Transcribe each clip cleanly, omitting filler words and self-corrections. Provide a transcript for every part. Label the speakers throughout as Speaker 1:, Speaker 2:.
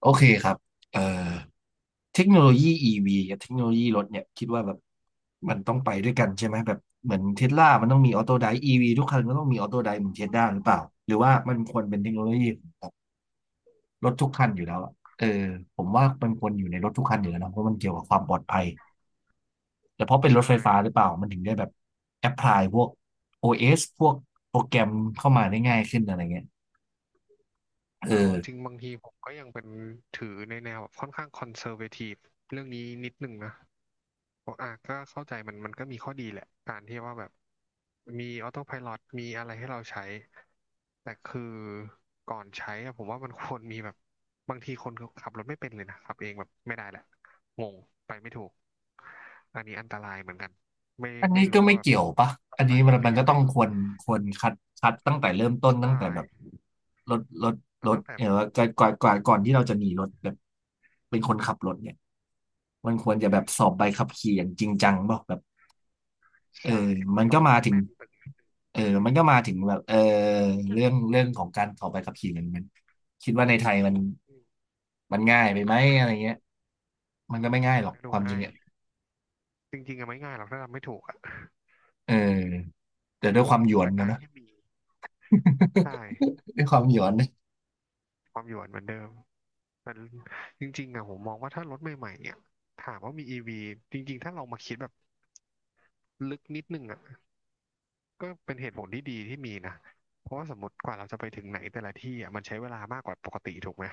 Speaker 1: โอเคครับเอ่อเทคโนโลยีอีวีกับเทคโนโลยีรถเนี่ยคิดว่าแบบมันต้องไปด้วยกันใช่ไหมแบบเหมือนเทสลามันต้องมีออโต้ได EV ทุกคันก็ต้องมีออโต้ไดเหมือนเทสลาหรือเปล่าหรือว่ามันควรเป็นเทคโนโลยีของรถทุกคันอยู่แล้วอะเออผมว่ามันควรอยู่ในรถทุกคันอยู่แล้วนะเพราะมันเกี่ยวกับความปลอดภัยแต่เพราะเป็นรถ
Speaker 2: ใช่
Speaker 1: ไฟฟ้าหรือเปล่ามันถึงได้แบบแอพพลายพวกโอ s พวกโปรแกรมเข้ามาได้ง่ายขึ้นอะไรเงี้ยเอ
Speaker 2: แต่เอา
Speaker 1: อ
Speaker 2: จริงบางทีผมก็ยังเป็นถือในแนวแบบค่อนข้างคอนเซอร์เวทีฟเรื่องนี้นิดหนึ่งนะบอกอ่ะก็เข้าใจมันก็มีข้อดีแหละการที่ว่าแบบมีออโต้ไพลอตมีอะไรให้เราใช้ แต่คือก่อนใช้อะผมว่ามันควรมีแบบบางทีคนขับรถไม่เป็นเลยนะขับเองแบบไม่ได้แหละงงไปไม่ถูกอันนี้อันตรายเหมือนกันไม่
Speaker 1: อัน
Speaker 2: ไม่
Speaker 1: นี้ก็
Speaker 2: รู้
Speaker 1: ไม่
Speaker 2: ว่าแบบ
Speaker 1: เกี่ยวปะ
Speaker 2: ต้อ
Speaker 1: อั
Speaker 2: ง
Speaker 1: น
Speaker 2: ไป
Speaker 1: นี้มัน
Speaker 2: หรื
Speaker 1: มั
Speaker 2: อ
Speaker 1: น
Speaker 2: ยั
Speaker 1: ก็
Speaker 2: งไง
Speaker 1: ต้องควรควรคัดคัดตั้งแต่เริ่มต้นตั้ง
Speaker 2: ใช่
Speaker 1: แต่แบบรถรถ
Speaker 2: มั
Speaker 1: ร
Speaker 2: น
Speaker 1: ถ
Speaker 2: ตั้งแต่
Speaker 1: เออ
Speaker 2: แบบ
Speaker 1: ก่อนที่เราจะมีรถแบบเป็นคนขับรถเนี่ยมันควรจะแบบสอบใบขับขี่อย่างจริงจังป่ะแบบเออ
Speaker 2: ใช่ มั
Speaker 1: มั
Speaker 2: น
Speaker 1: น
Speaker 2: ต้อ
Speaker 1: ก็
Speaker 2: งมัน
Speaker 1: มา
Speaker 2: ต้อง
Speaker 1: ถึง
Speaker 2: แน่นไป
Speaker 1: เออมันก็มาถึงแบบเออ
Speaker 2: อื
Speaker 1: เรื่อง
Speaker 2: ม
Speaker 1: เรื่องของการสอบใบขับขี่มันคิดว่าในไทยมันง่ายไปไหมอะไรเงี้ยมันก็ไม่ง่าย
Speaker 2: มั
Speaker 1: หร
Speaker 2: น
Speaker 1: อก
Speaker 2: ก็ดู
Speaker 1: ความจริ
Speaker 2: ง่า
Speaker 1: ง
Speaker 2: ย
Speaker 1: อ่ะ
Speaker 2: จริงๆอะไม่ง่ายหรอกถ้าทำไม่ถูกอะ
Speaker 1: เออแต่ด้
Speaker 2: อื
Speaker 1: วยค
Speaker 2: ม
Speaker 1: วามหยวน
Speaker 2: แต่การ
Speaker 1: นะ
Speaker 2: ที่มีใช่
Speaker 1: ด้วยความหย้อนนะ
Speaker 2: ความหยวนเหมือนเดิมแต่จริงๆอะผมมองว่าถ้ารถใหม่ๆเนี่ยถามว่ามีอีวีจริงๆถ้าเรามาคิดแบบลึกนิดนึงอะ ก็เป็นเหตุผลที่ดีที่มีนะ เพราะว่าสมมติกว่าเราจะไปถึงไหนแต่ละที่อ่ะมันใช้เวลามากกว่าปกติถูกไหม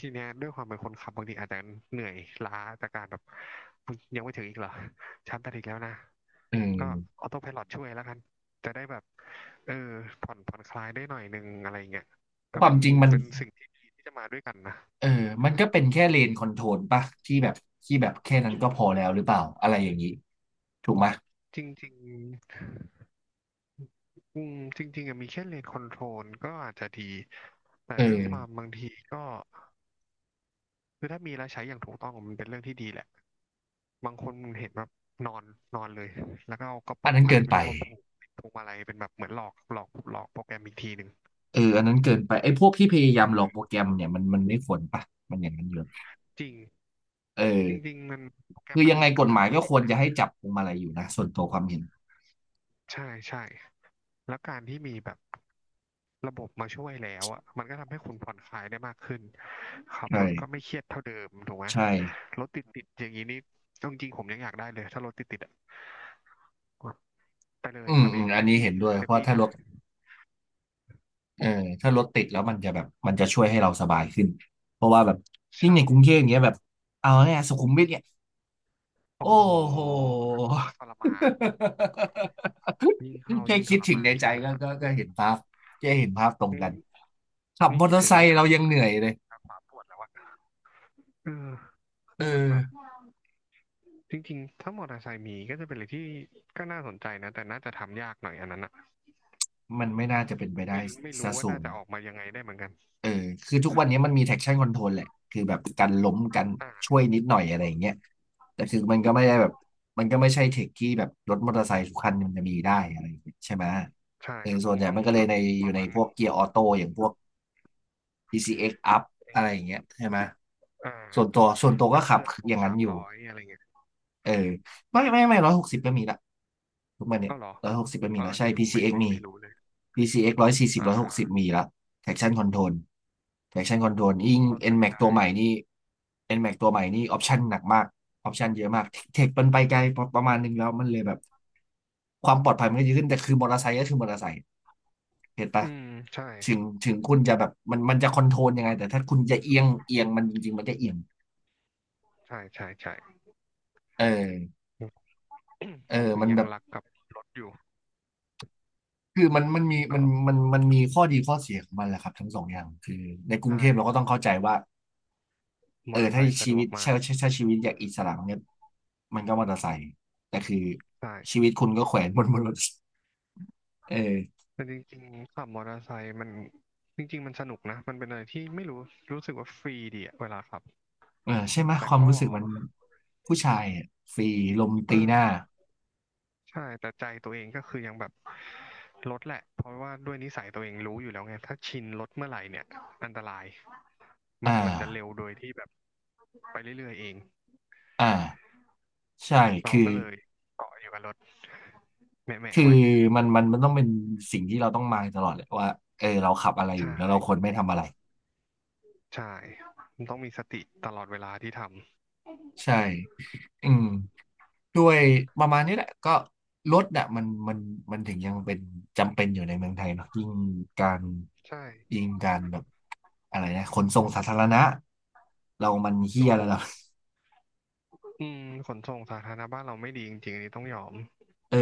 Speaker 2: ทีเนี้ยด้วยความเป็นคนขับบางทีอาจจะเหนื่อยล้าจากการแบบมึงยังไม่ถึงอีกเหรอฉันไปถึงแล้วนะ
Speaker 1: เออ
Speaker 2: ก็ออโต้ไพลอตช่วยแล้วกันจะได้แบบเออผ่อนผ่อนคลายได้หน่อยนึงอะไรเงี้ยก็
Speaker 1: ควา
Speaker 2: เป็
Speaker 1: ม
Speaker 2: น
Speaker 1: จริงมัน
Speaker 2: เป็นสิ่งที่ดีที่จะมาด้วยกันนะ
Speaker 1: เออมันก็เป็นแค่เลนคอนโทรลปะที่แบบที่แบบแค่นั้นก็พอแล้วหรือเปล่าอะไรอย่างนี้ถูกไหม
Speaker 2: จริงๆอืมจริงๆอะมีแค่เลนคอนโทรลก็อาจจะดีแต่
Speaker 1: เ
Speaker 2: ด้วยความ
Speaker 1: ออ
Speaker 2: บางทีก็ คือถ้ามีแล้วใช้อย่างถูกต้องมันเป็นเรื่องที่ดีแหละบางคนเห็นแบบนอนนอนเลยแล้วก็เอากระ
Speaker 1: อั
Speaker 2: ป๋
Speaker 1: น
Speaker 2: อง
Speaker 1: นั้น
Speaker 2: อะ
Speaker 1: เกิ
Speaker 2: ไร
Speaker 1: น
Speaker 2: ไม่
Speaker 1: ไป
Speaker 2: รู้มาผูกพวงมาลัยเป็นแบบเหมือนหลอกโปรแกรมอีกทีหนึ่ง
Speaker 1: อันนั้นเกินไปไอ้พวกที่พยายา
Speaker 2: อื
Speaker 1: มห
Speaker 2: ม
Speaker 1: ลอกโปรแกรมเนี่ยมันไม่ควรปะมันอย่างนั้นอยู่
Speaker 2: จริง
Speaker 1: เอ
Speaker 2: จริง
Speaker 1: อ
Speaker 2: ๆมันโปรแกร
Speaker 1: คื
Speaker 2: ม
Speaker 1: อ
Speaker 2: มัน
Speaker 1: ยังไงก
Speaker 2: เขา
Speaker 1: ฎหมาย
Speaker 2: ทำไว้
Speaker 1: ก็ค
Speaker 2: ดี
Speaker 1: วร
Speaker 2: นะ
Speaker 1: จะให้จับพวงมาลัยอยู่นะส่วนตัวความเห็น
Speaker 2: ใช่ใช่แล้วการที่มีแบบระบบมาช่วยแล้วอ่ะมันก็ทำให้คุณผ่อนคลายได้มากขึ้นขับรถก็
Speaker 1: ใช่
Speaker 2: ไม่เครียดเท่าเดิมถูกไหม
Speaker 1: ใช่
Speaker 2: รถติดติดอย่างนี้นี่เอาจริงๆผมยังอยากได้เลยถ้ารถติดติดอ่ะ ไปเล
Speaker 1: อื
Speaker 2: ยค
Speaker 1: ม
Speaker 2: รับ
Speaker 1: อื
Speaker 2: เอ
Speaker 1: ม
Speaker 2: ง
Speaker 1: อัน
Speaker 2: เต็ม
Speaker 1: นี้
Speaker 2: ที่
Speaker 1: เห็นด้วย
Speaker 2: เต็
Speaker 1: เพ
Speaker 2: ม
Speaker 1: ราะ
Speaker 2: ที่
Speaker 1: ถ้า
Speaker 2: จ้ะ
Speaker 1: ลด เออถ้ารถติดแล้วมันจะแบบมันจะช่วยให้เราสบายขึ้นเพราะว่าแบบยิ่ง
Speaker 2: ช่า
Speaker 1: ใน
Speaker 2: ง
Speaker 1: กรุงเทพอย่างเงี้ยแบบเอาเนี่ยสุขุมวิทเนี่ย
Speaker 2: โอ้
Speaker 1: โอ้
Speaker 2: โห
Speaker 1: โห
Speaker 2: ทรมานยิ่งเข้า
Speaker 1: แค่
Speaker 2: ยิ่งท
Speaker 1: คิด
Speaker 2: ร
Speaker 1: ถึง
Speaker 2: มา
Speaker 1: ใน
Speaker 2: น
Speaker 1: ใจ
Speaker 2: เช่นนั้
Speaker 1: ก็
Speaker 2: นน่ะ
Speaker 1: ก็ก็เห็นภาพแค่เห็นภาพตรงกัน
Speaker 2: นี่
Speaker 1: ขับ
Speaker 2: นี่
Speaker 1: มอ
Speaker 2: คิ
Speaker 1: เต
Speaker 2: ด
Speaker 1: อ
Speaker 2: ถึ
Speaker 1: ร์ไซ
Speaker 2: งนี่
Speaker 1: ค์
Speaker 2: ขา
Speaker 1: เรายั
Speaker 2: ข
Speaker 1: ง
Speaker 2: วา
Speaker 1: เหนื่อยเลย
Speaker 2: ขาขวาปวดแล้วอะเออ
Speaker 1: เอ
Speaker 2: คื
Speaker 1: อ
Speaker 2: อมันแบบจริงๆถ้ามอเตอร์ไซค์มีก็จะเป็นอะไรที่ก็น่าสนใจนะแต่น่าจะทำยากหน่อยอันนั้นอะ
Speaker 1: มันไม่น่าจะเป็นไป
Speaker 2: ไม่
Speaker 1: ได้
Speaker 2: ไม่
Speaker 1: ซะ
Speaker 2: รู้ว่า
Speaker 1: สู
Speaker 2: น่า
Speaker 1: ง
Speaker 2: จะออกมายังไงได้เหมือนกัน
Speaker 1: เออคือทุกวันนี้มันมี traction control แหละคือแบบกันล้มกัน
Speaker 2: อ่า
Speaker 1: ช่วยนิดหน่อยอะไรอย่างเงี้ยแต่คือมันก็ไม่ได้แบบมันก็ไม่ใช่เทคที่แบบรถมอเตอร์ไซค์ทุกคันมันจะมีได้อะไรอย่างเงี้ยใช่ไหม
Speaker 2: ใช่
Speaker 1: เออ
Speaker 2: ก็
Speaker 1: ส่
Speaker 2: ต้อ
Speaker 1: วน
Speaker 2: ง
Speaker 1: ใหญ่
Speaker 2: ต้อง
Speaker 1: มันก็เล
Speaker 2: แบ
Speaker 1: ย
Speaker 2: บ
Speaker 1: ในอ
Speaker 2: ป
Speaker 1: ยู่
Speaker 2: ระ
Speaker 1: ใน
Speaker 2: มาณห
Speaker 1: พ
Speaker 2: นึ
Speaker 1: วก
Speaker 2: ง
Speaker 1: เกียร์ออโต้อย่างพวก PCX Up
Speaker 2: ไอ
Speaker 1: อะไรอย่าง
Speaker 2: ้
Speaker 1: เงี้ยใช่ไหม
Speaker 2: อ่
Speaker 1: ส่วนตั
Speaker 2: า
Speaker 1: วส่วนตัวก็
Speaker 2: ถ้าเค
Speaker 1: ขับ
Speaker 2: รื่องพว
Speaker 1: อ
Speaker 2: ก
Speaker 1: ย่างนั้
Speaker 2: สา
Speaker 1: น
Speaker 2: ม
Speaker 1: อยู่
Speaker 2: ร้อยอะไรเงี้ย
Speaker 1: เออไม่ร้อยหกสิบก็มีละทุกมันเนี่ย
Speaker 2: ก็เหรอ
Speaker 1: ร้อยหกสิบก็มี
Speaker 2: อ่า
Speaker 1: ละ
Speaker 2: อัน
Speaker 1: ใช่
Speaker 2: นี้ผมไม่
Speaker 1: PCX
Speaker 2: ไม่
Speaker 1: มี
Speaker 2: ไม่รู้เลย
Speaker 1: PCX 140
Speaker 2: อ่
Speaker 1: ร้อยห
Speaker 2: า
Speaker 1: กสิบมีละ Traction Control Traction Control ยิ่ง
Speaker 2: เข้าใจ
Speaker 1: NMAX ตั
Speaker 2: ได้
Speaker 1: วใหม่นี่ NMAX ตัวใหม่นี่ Option หนักมาก Option เยอะมากเทคมันไปไกลประมาณนึงแล้วมันเลยแบบความปลอดภัยมันก็เยอะขึ้นแต่คือมอเตอร์ไซค์ก็คือมอเตอร์ไซค์เห็นปะ
Speaker 2: อืมใช่
Speaker 1: ถึงคุณจะแบบมันจะคอนโทรลยังไงแต่ถ้าคุณจะเอียงเอียงมันจริงๆมันก็เอียง
Speaker 2: ใช่ใช่ใช่
Speaker 1: เออเอ อ
Speaker 2: ผมถึง
Speaker 1: มัน
Speaker 2: ยั
Speaker 1: แบ
Speaker 2: ง
Speaker 1: บ
Speaker 2: รักกับรถอยู่
Speaker 1: คือมันมันมีมั
Speaker 2: ก็
Speaker 1: นมันมีข้อดีข้อเสียของมันแหละครับทั้งสองอย่างในกรุง
Speaker 2: ใช่
Speaker 1: เทพเราก็ต้องเข้าใจว่า
Speaker 2: ม
Speaker 1: เอ
Speaker 2: อ
Speaker 1: อ
Speaker 2: เตอร์ไซ
Speaker 1: ถ้า
Speaker 2: ค์สะ
Speaker 1: ชี
Speaker 2: ดว
Speaker 1: วิต
Speaker 2: กมา
Speaker 1: ใช่
Speaker 2: ก
Speaker 1: ใช่ใช่ชีวิตอยากอิสระเนี่ยมันก็มอเตอร์ไซค์แต่คือ
Speaker 2: ใช่
Speaker 1: ชีวิตคุณก็แขวนบนรถ เออ
Speaker 2: แต่จริงๆขับมอเตอร์ไซค์มันจริงๆมันสนุกนะมันเป็นอะไรที่ไม่รู้รู้สึกว่าฟรีดีอะเวลาขับ
Speaker 1: เออใช่ไหม
Speaker 2: แต่
Speaker 1: ความ
Speaker 2: ก็
Speaker 1: รู้สึกมันผู้ชายอะฟรีลม
Speaker 2: เออ
Speaker 1: ตีหน้า
Speaker 2: ใช่แต่ใจตัวเองก็คือยังแบบรถแหละเพราะว่าด้วยนิสัยตัวเองรู้อยู่แล้วไงถ้าชินรถเมื่อไหร่เนี่ยอันตรายมัน
Speaker 1: อ่า
Speaker 2: มันจะเร็วโดยที่แบบไปเรื่อยๆเอง
Speaker 1: อ่าใช่
Speaker 2: เรา
Speaker 1: คือ
Speaker 2: ก็เลยเกาะอยู่กับรถแหมะ
Speaker 1: คื
Speaker 2: ๆ
Speaker 1: อ
Speaker 2: ไว้
Speaker 1: มันต้องเป็นสิ่งที่เราต้องมายตลอดแหละว่าเออเราขับอะไรอยู่
Speaker 2: ใช่
Speaker 1: แล้วเราควรไม่ทำอะไร
Speaker 2: ใช่ มันต้องมีสติตลอดเวลาที่ทำ
Speaker 1: ใช่อืม ด้วยประมาณนี้แหละก็รถน่ะมันถึงยังเป็นจำเป็นอยู่ในเมืองไทยเนาะยิ่งการ
Speaker 2: ใช่
Speaker 1: ยิ่งการแบบอะไรนะขนส่งสาธารณะเรามันเฮี้ย
Speaker 2: โอ้โห
Speaker 1: แล้วเรา
Speaker 2: อืมขนส่งสาธารณะบ้านเราไม่ดีจริงๆอันนี้ต้องยอม
Speaker 1: เออ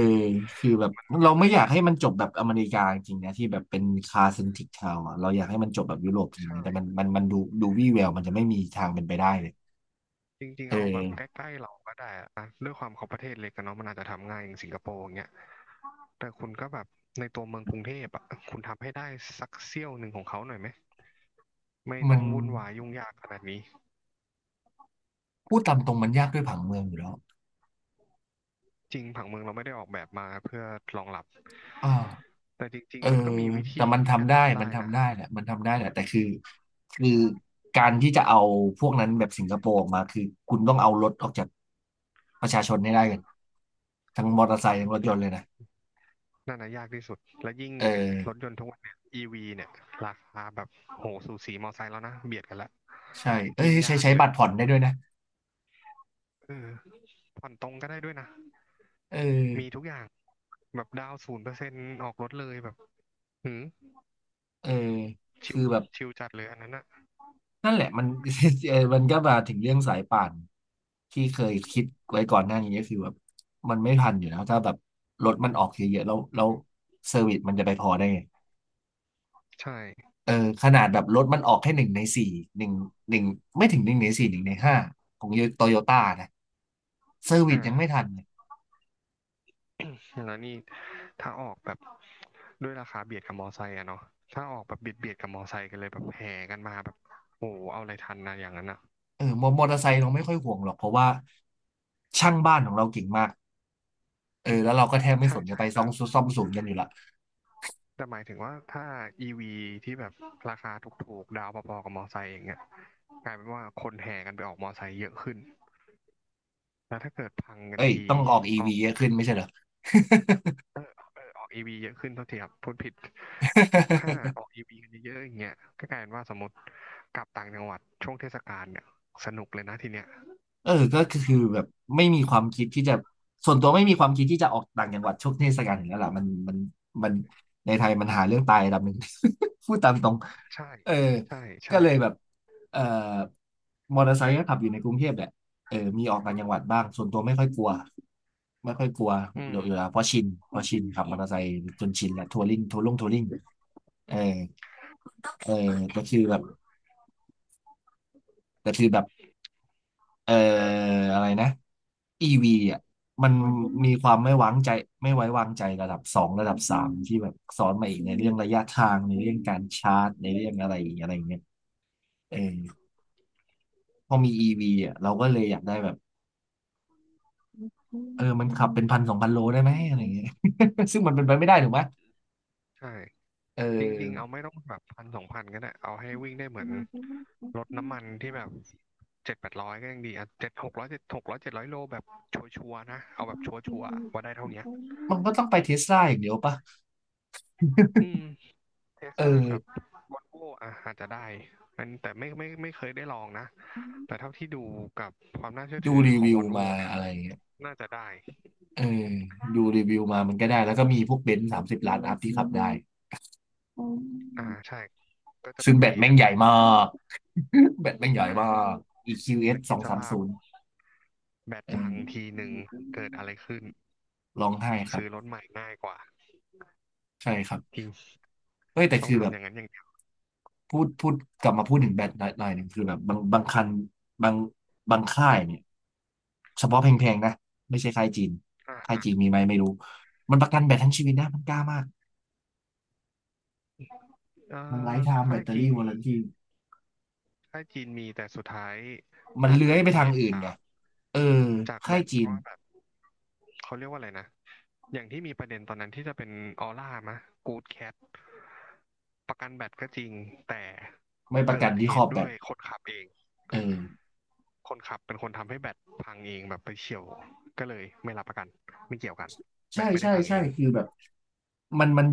Speaker 1: คือแบบเรา
Speaker 2: ก็เล
Speaker 1: ไม่
Speaker 2: ย
Speaker 1: อยากให้มันจบแบบอเมริกาจริงๆนะที่แบบเป็นคาร์เซนทริกทาวอะเราอยากให้มันจบแบบยุโรปจริงๆ
Speaker 2: ใช่
Speaker 1: นะแต่มันดูวี่แววมันจะไม่มีทางเป็นไปได้เลย
Speaker 2: จริง
Speaker 1: เอ
Speaker 2: ๆ
Speaker 1: อ
Speaker 2: เอาแบบใกล้ๆเราก็ได้อะนะด้วยความเขาประเทศเล็กกันเนาะมันอาจจะทำง่ายอย่างสิงคโปร์อย่างเงี้ยแต่คุณก็แบบในตัวเมืองกรุงเทพอ่ะคุณทำให้ได้สักเสี้ยวหนึ่งของเขาหน่อยไหมไม่
Speaker 1: มั
Speaker 2: ต้
Speaker 1: น
Speaker 2: องวุ่นวายยุ่งยากขนาดนี้
Speaker 1: พูดตามตรงมันยากด้วยผังเมืองอยู่แล้ว
Speaker 2: จริงผังเมืองเราไม่ได้ออกแบบมาเพื่อรองรับ
Speaker 1: อ่า
Speaker 2: แต่จริง
Speaker 1: เออ
Speaker 2: ๆมันก็มีวิ
Speaker 1: แต่
Speaker 2: ธี
Speaker 1: มัน
Speaker 2: ที่จะ
Speaker 1: ทำได้
Speaker 2: ทำ
Speaker 1: มั
Speaker 2: ได้
Speaker 1: น
Speaker 2: นะ
Speaker 1: ทำได้แหละมันทำได้แหละแต่คือการที่จะเอาพวกนั้นแบบสิงคโปร์ออกมาคือคุณต้องเอารถออกจากประชาชนให้ได้กันทั้งมอเตอร์ไซค์ทั้งรถยนต์เลยนะ
Speaker 2: นั่นนะยากที่สุดแล้วยิ่ง
Speaker 1: เออ
Speaker 2: เนี่ยรถยนต์ทุกวันเนี่ย EV เนี่ยราคาแบบโหสูสีมอไซค์แล้วนะเบียดกันละ
Speaker 1: ใช่เอ้ย
Speaker 2: ยิ่ง
Speaker 1: ใช้
Speaker 2: ยาก
Speaker 1: ใช้
Speaker 2: เล
Speaker 1: บั
Speaker 2: ย
Speaker 1: ตรผ่อนได้ด้วยนะ
Speaker 2: เออผ่อนตรงก็ได้ด้วยนะ
Speaker 1: เออ
Speaker 2: มีทุกอย่างแบบดาว0%ออกรถเลยแบบหืม
Speaker 1: เออ
Speaker 2: ชิ
Speaker 1: คื
Speaker 2: ว
Speaker 1: อแบบ
Speaker 2: ชิวจัดเลยอันนั้นอะ
Speaker 1: นั่นแหละมัน เออมันก็มาถึงเรื่องสายป่านที่เคยคิดไว้ก่อนหน้านี้ก็คือแบบมันไม่ทันอยู่แล้วถ้าแบบรถมันออกเยอะๆแล้วเซอร์วิสมันจะไปพอได้ไง
Speaker 2: ใช่
Speaker 1: เออขนาดแบบรถมันออกแค่หนึ่งในสี่หนึ่งหนึ่งไม่ถึงหนึ่งในสี่หนึ่งในห้าของโตโยต้านะเซอร์วิสยังไม่
Speaker 2: อ่า
Speaker 1: ทันเลย
Speaker 2: แล้วนี่ถ้าออกแบบด้วยราคาเบียดกับมอไซค์อะเนาะถ้าออกแบบเบียดกับมอไซค์กันเลยแบบแห่กันมาแบบโอ้โหเอาอะไรทันนะอย่างนั้นอะ
Speaker 1: เออมอเตอร์ไซค์เราไม่ค่อยห่วงหรอกเพราะว่าช่างบ้านของเราเก่งมากเออแล้วเราก็แทบไม่
Speaker 2: ใช่
Speaker 1: สนจะ
Speaker 2: ใช่
Speaker 1: ไปซ่อ
Speaker 2: แต่
Speaker 1: มซ่อมศูนย์กันอยู่ละ
Speaker 2: แต่หมายถึงว่าถ้า EV ที่แบบราคาถูกๆดาวพอๆกับมอไซค์อย่างเงี้ยกลายเป็นว่าคนแห่กันไปออกมอไซค์เยอะขึ้นแล้วถ้าเกิดพังกั
Speaker 1: เอ้
Speaker 2: น
Speaker 1: ย
Speaker 2: ที
Speaker 1: ต้องออกอี
Speaker 2: ออ
Speaker 1: วี
Speaker 2: ก
Speaker 1: ขึ้นไม่ใช่เหรอ
Speaker 2: เออเออออก EV เยอะขึ้นเท่าทีครับพูดผิดถ้า ออก EV กันเยอะๆอย่างเงี้ยก็กลายเป็นว่าสมมติกลับต่างจังหวัดช่วงเทศกาลเนี่ยสนุกเลยนะทีเนี้ย
Speaker 1: เออก็คือแบบไม่มีความคิดที่จะส่วนตัวไม่มีความคิดที่จะออกต่างจังหวัดช่วงเทศกาลอยู่แล้วล่ะมันในไทยมันหาเรื่องตายระดับหนึ่ง พูดตามตรง
Speaker 2: ใช่
Speaker 1: เออ
Speaker 2: ใช่
Speaker 1: ก็
Speaker 2: ใช่
Speaker 1: เลยแบบเอ่อมอเตอร์ไซค์ก็ขับอยู่ในกรุงเทพแหละเออมีออกต่างจังหวัดบ้างส่วนตัวไม่ค่อยกลัว
Speaker 2: อื
Speaker 1: อยู่
Speaker 2: ม
Speaker 1: อยู่แล้วเพราะชินขับมอเตอร์ไซค์จนชินแหละทัวริงเออเออแต่คือแบบแต่คือแบบ เอ่ออะไรนะ EV อ่ะมันมีความไม่ไว้วางใจระดับสองระดับสามที่แบบซ้อนมาอีกในเรื่องระยะทางในเรื่องการชาร์จในเรื่องอะไรอะไรเงี้ยเออพอมี EV อ่ะเราก็เลยอยากได้แบบเออมันขับเป็นพันสองพันโลได้ไหมอะไรเงี้ย ซึ่งมันเป็นไปไม่ได้ถูกไหม
Speaker 2: ใช่
Speaker 1: เ
Speaker 2: จริงๆ
Speaker 1: ออ
Speaker 2: เอาไม่ต้องแบบพันสองพันก็ได้เอาให้วิ่งได้เหมือนรถน้ำมันที่แบบเจ็ดแปดร้อยก็ยังดีอ่ะเจ็ดหกร้อยเจ็ดหกร้อยเจ็ดร้อยโลแบบชัวร์ๆนะ เอาแบบชัวร์ๆว่าได้เท่าเนี้ย
Speaker 1: มันก็ต้องไปเทสลาอย่างเดียวปะ
Speaker 2: อืมเท
Speaker 1: เอ
Speaker 2: ส
Speaker 1: อ
Speaker 2: ลากับวอลโวอ่ะอาจจะได้อันแต่ไม่เคยได้ลองนะ แต่เท่าที่ดูกับความน่าเชื่อ
Speaker 1: ดู
Speaker 2: ถือ
Speaker 1: รี
Speaker 2: ของ
Speaker 1: วิ
Speaker 2: ว
Speaker 1: ว
Speaker 2: อลโว
Speaker 1: มา
Speaker 2: เนี่ย
Speaker 1: อะไรเงี้ย
Speaker 2: น่าจะได้
Speaker 1: เออดูรีวิวมามันก็ได้แล้วก็มีพวกเบนซ์30 ล้านอัพที่ขับได้
Speaker 2: อ่าใช่ ก็จะ
Speaker 1: ซึ่
Speaker 2: เป็
Speaker 1: ง
Speaker 2: น
Speaker 1: แบ
Speaker 2: เว
Speaker 1: ต
Speaker 2: ย์
Speaker 1: แม่ง
Speaker 2: นั้น
Speaker 1: ให
Speaker 2: ไป
Speaker 1: ญ่มาก แบตแม่งใหญ่
Speaker 2: อ่
Speaker 1: มา
Speaker 2: า
Speaker 1: ก EQS
Speaker 2: แล้
Speaker 1: ส
Speaker 2: ว
Speaker 1: ส
Speaker 2: คิด
Speaker 1: อง
Speaker 2: ส
Speaker 1: สาม
Speaker 2: ภาพ
Speaker 1: ศูนย์
Speaker 2: แบต
Speaker 1: เอ
Speaker 2: พังที
Speaker 1: อ
Speaker 2: หนึ่งเกิดอะไรขึ้น
Speaker 1: ร้องไห้ครับ
Speaker 2: ซื้อรถใหม่ง่ายกว่า
Speaker 1: ใช่ครับ
Speaker 2: จริง
Speaker 1: เฮ้ยแต่
Speaker 2: ต้อ
Speaker 1: คื
Speaker 2: ง
Speaker 1: อแบ
Speaker 2: ทำ
Speaker 1: บ
Speaker 2: อย่างนั้นอย่างนี้
Speaker 1: พูดกลับมาพูดถึงแบตหน่อยหนึ่งคือแบบบางคันบางบางค่ายเนี่ยเฉพาะแพงๆนะไม่ใช่ค่ายจีน
Speaker 2: อ่า
Speaker 1: ค่าย
Speaker 2: อ่า
Speaker 1: จีนมีไหมไม่รู้มันประกันแบตทั้งชีวิตนะมันกล้ามาก
Speaker 2: เอ่
Speaker 1: มันไล
Speaker 2: อ
Speaker 1: ฟ์ไทม์แบ
Speaker 2: ค่า
Speaker 1: ต
Speaker 2: ย
Speaker 1: เตอ
Speaker 2: จีน
Speaker 1: รี่ว a
Speaker 2: มี
Speaker 1: รันตี
Speaker 2: ค่ายจีนมีแต่สุดท้าย
Speaker 1: มัน
Speaker 2: ถ้า
Speaker 1: เลื้อย
Speaker 2: เกิด
Speaker 1: ไป
Speaker 2: เห
Speaker 1: ทาง
Speaker 2: ตุ
Speaker 1: อื่น
Speaker 2: จา
Speaker 1: ไง
Speaker 2: ก
Speaker 1: เออ
Speaker 2: จากแบ
Speaker 1: ค่าย
Speaker 2: บเพ
Speaker 1: จีน
Speaker 2: ราะว่าแบบเขาเรียกว่าอะไรนะอย่างที่มีประเด็นตอนนั้นที่จะเป็นออร่ามะกู๊ดแคทประกันแบตก็จริงแต่
Speaker 1: ไม่ประกั
Speaker 2: เกิ
Speaker 1: น
Speaker 2: ด
Speaker 1: ที่
Speaker 2: เห
Speaker 1: ครอ
Speaker 2: ตุ
Speaker 1: บแบ
Speaker 2: ด้ว
Speaker 1: ต
Speaker 2: ยคนขับเอง
Speaker 1: เออ
Speaker 2: คนขับเป็นคนทำให้แบตพังเองแบบไปเฉี่ยวก็เลยไม่รับประกันไม่เกี่ยวกันแบ
Speaker 1: ใช่
Speaker 2: ตไม่ได้
Speaker 1: ใช่
Speaker 2: พังเอ
Speaker 1: ใช่
Speaker 2: ง
Speaker 1: คือแบบมัน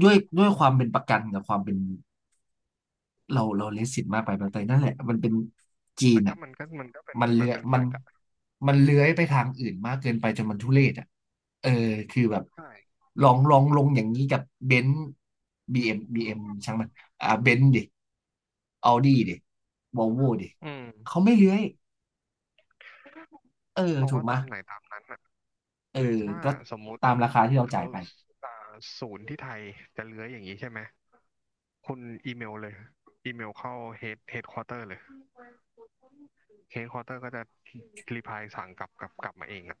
Speaker 1: ด้วยความเป็นประกันกับความเป็น เราเลสิตมากไปบางทีนั่นแหละมันเป็นจีน
Speaker 2: แต่ก็
Speaker 1: อ่ะ
Speaker 2: มันก็มันก็เป็น
Speaker 1: มัน
Speaker 2: มั
Speaker 1: เลื้
Speaker 2: น
Speaker 1: อย
Speaker 2: เป็นแฟ
Speaker 1: มัน
Speaker 2: กต์อะ
Speaker 1: มันเลื้อยไปทางอื่นมากเกินไปจนมันทุเรศอ่ะเออคือแบบ
Speaker 2: ใช่
Speaker 1: ลองลงอย่างนี้กับเบนซ์บีเอ็มช่างมันอ่าเบนซ์ดิออดี้ดิวอลโวดิ
Speaker 2: อืม
Speaker 1: เขาไม่เลื้อยเออ
Speaker 2: เขา
Speaker 1: ถู
Speaker 2: ก็
Speaker 1: กไหม
Speaker 2: ตา
Speaker 1: ย
Speaker 2: มไหนตามนั้นอ่ะ
Speaker 1: เออ
Speaker 2: หรือถ้า
Speaker 1: ก็
Speaker 2: สมมุติ
Speaker 1: ตามราคาที่เรา
Speaker 2: เขา
Speaker 1: จ่ายไป
Speaker 2: อ่าศูนย์ที่ไทยจะเลื้อยอย่างนี้ใช่ไหมคุณอีเมลเลยอีเมลเข้าเฮดควอเตอร์เลยเฮดควอเตอร์ก็จะรีพายสั่งกลับมาเองอ่ะ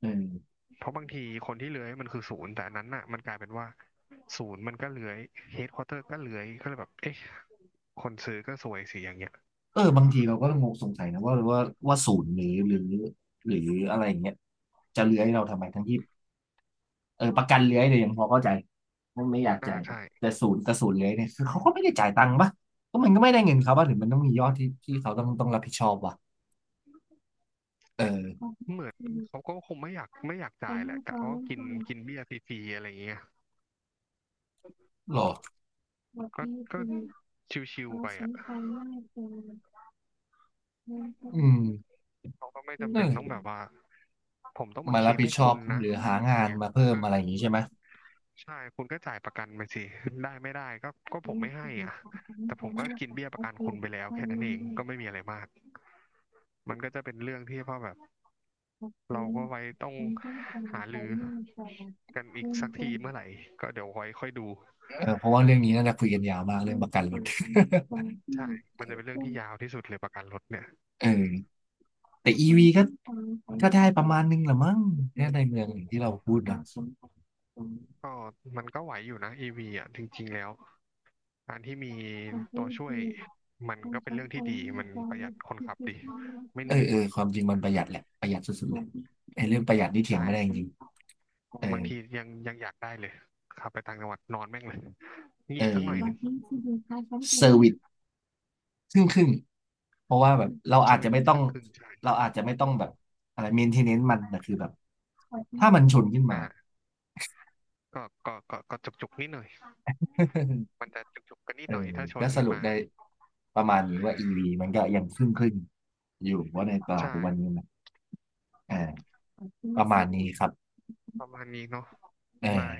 Speaker 1: เออ
Speaker 2: เพราะบางทีคนที่เลื้อยมันคือศูนย์แต่อันนั้นอ่ะมันกลายเป็นว่าศูนย์มันก็เลื้อยเฮดควอเตอร์ก็เลื้อยก็เลยแบบเอ๊ะคนซื้อก็สวยสิอย่างเงี้ย
Speaker 1: เออบางทีเราก็งงสงสัยนะว่าศูนย์หรืออะไรอย่างเงี้ยจะเลื้อยเราทำไมทั้งที่ เออประกันเลื้อยเนี่ยยังพอเข้าใจว่าไม่อยาก
Speaker 2: อ่า
Speaker 1: จ่าย
Speaker 2: ใช่
Speaker 1: แต่ศูนย์เลื้อยเนี่ยคือเขาก็ไม่ได้จ่ายตังค์ปะก็มันก็ไม่ได้เงินเขาป่ะหรือมันต้องมียอดที่เขาต้องรับผิดชอบวะเออ
Speaker 2: เหมือนเขาก็คงไม่อยากจ่ายแหละกะว่ากินกินเบี้ยฟรีๆอะไรอย่างเงี้ย
Speaker 1: หรอ
Speaker 2: ก็ก็ชิวๆไปอ่ะ
Speaker 1: อืม
Speaker 2: เขาก็ไม่จำ
Speaker 1: นั่
Speaker 2: เป็
Speaker 1: น
Speaker 2: น
Speaker 1: แหละ
Speaker 2: ต้องแบบว่าผมต้องมา
Speaker 1: มา
Speaker 2: เคล
Speaker 1: รับ
Speaker 2: ม
Speaker 1: ผิด
Speaker 2: ให้
Speaker 1: ชอ
Speaker 2: คุ
Speaker 1: บ
Speaker 2: ณนะ
Speaker 1: หรือหา
Speaker 2: อย่าง
Speaker 1: งาน
Speaker 2: เงี้ย
Speaker 1: มาเพิ่
Speaker 2: เอ
Speaker 1: มอะไร
Speaker 2: อ
Speaker 1: อย่างงี้ใช่ไหม
Speaker 2: ใช่คุณก็จ่ายประกันไปสิได้ไม่ได้ก็ผมไม่ให้อ่ะแต่ผมก็กินเบี้ยประกันคุณไปแล้วแค่นั้นเองก็ไม่มีอะไรมากมันก็จะเป็นเรื่องที่พ่อแบบเราก็ไว้ต้องหารือกันอีกสักทีเมื่อไหร่ก็เดี๋ยวไว้ค่อยดู
Speaker 1: เออเพราะว่าเรื่องนี้น่าจะคุยกันยาวมากเรื่องประกันรถ
Speaker 2: ใช่มันจะเป็นเรื่องที่ยาวที่สุดเลยประกันรถเนี่ย
Speaker 1: เออแต่อีวีก็ก็ได้ประมาณนึงละมั้งแค่ยในเมืองอย่างที่เราพูดนะ
Speaker 2: ก็มันก็ไหวอยู่นะอีวีอ่ะจริงๆแล้ว การที่มีตัวช่วยมันก็เป็นเรื่องที่ดีมันประหยัดคนขับดีไม่
Speaker 1: เอ
Speaker 2: เหนื่
Speaker 1: อ
Speaker 2: อย
Speaker 1: เออความจริงมันประหยัดแหละประหยัดสุดๆเลยไอ้เรื่องประหยัดนี่เถียง
Speaker 2: ใช่
Speaker 1: ไม่ได้จริง เอ
Speaker 2: บา
Speaker 1: อ
Speaker 2: งทียังอยากได้เลยขับไปต่างจังหวัดนอนแม่งเลย
Speaker 1: เ
Speaker 2: งีบสักหน่อยหนึ่ง
Speaker 1: ออเซอร์ r i วิสครึ่งครึ่งเพราะว่าแบบเรา
Speaker 2: เซอ
Speaker 1: อาจ
Speaker 2: ร์
Speaker 1: จะ
Speaker 2: วิส
Speaker 1: ไม่ต้อง
Speaker 2: ก็ครึ่งใช่
Speaker 1: เราอาจจะไม่ต้องแบบอะไรเมนเทนเนนมันแต่คือแบบถ้ามันชนขึ้นมา
Speaker 2: อ่าก็จุกจุกนิดหน่อย มันจะจุกจุกกันนิด
Speaker 1: เออ
Speaker 2: หน่อยถ้าช
Speaker 1: ก็
Speaker 2: น
Speaker 1: ส
Speaker 2: ขึ้น
Speaker 1: รุป
Speaker 2: มา
Speaker 1: ได้ประมาณนี้ว่า EV มันก็ยังครึ่งครึ่งอยู่ว่าในตลาด
Speaker 2: ใช่
Speaker 1: ทุกวันนี้นะอ่าประมาณนี้ครับ
Speaker 2: ประมาณนี้เนาะ
Speaker 1: เออ
Speaker 2: ได้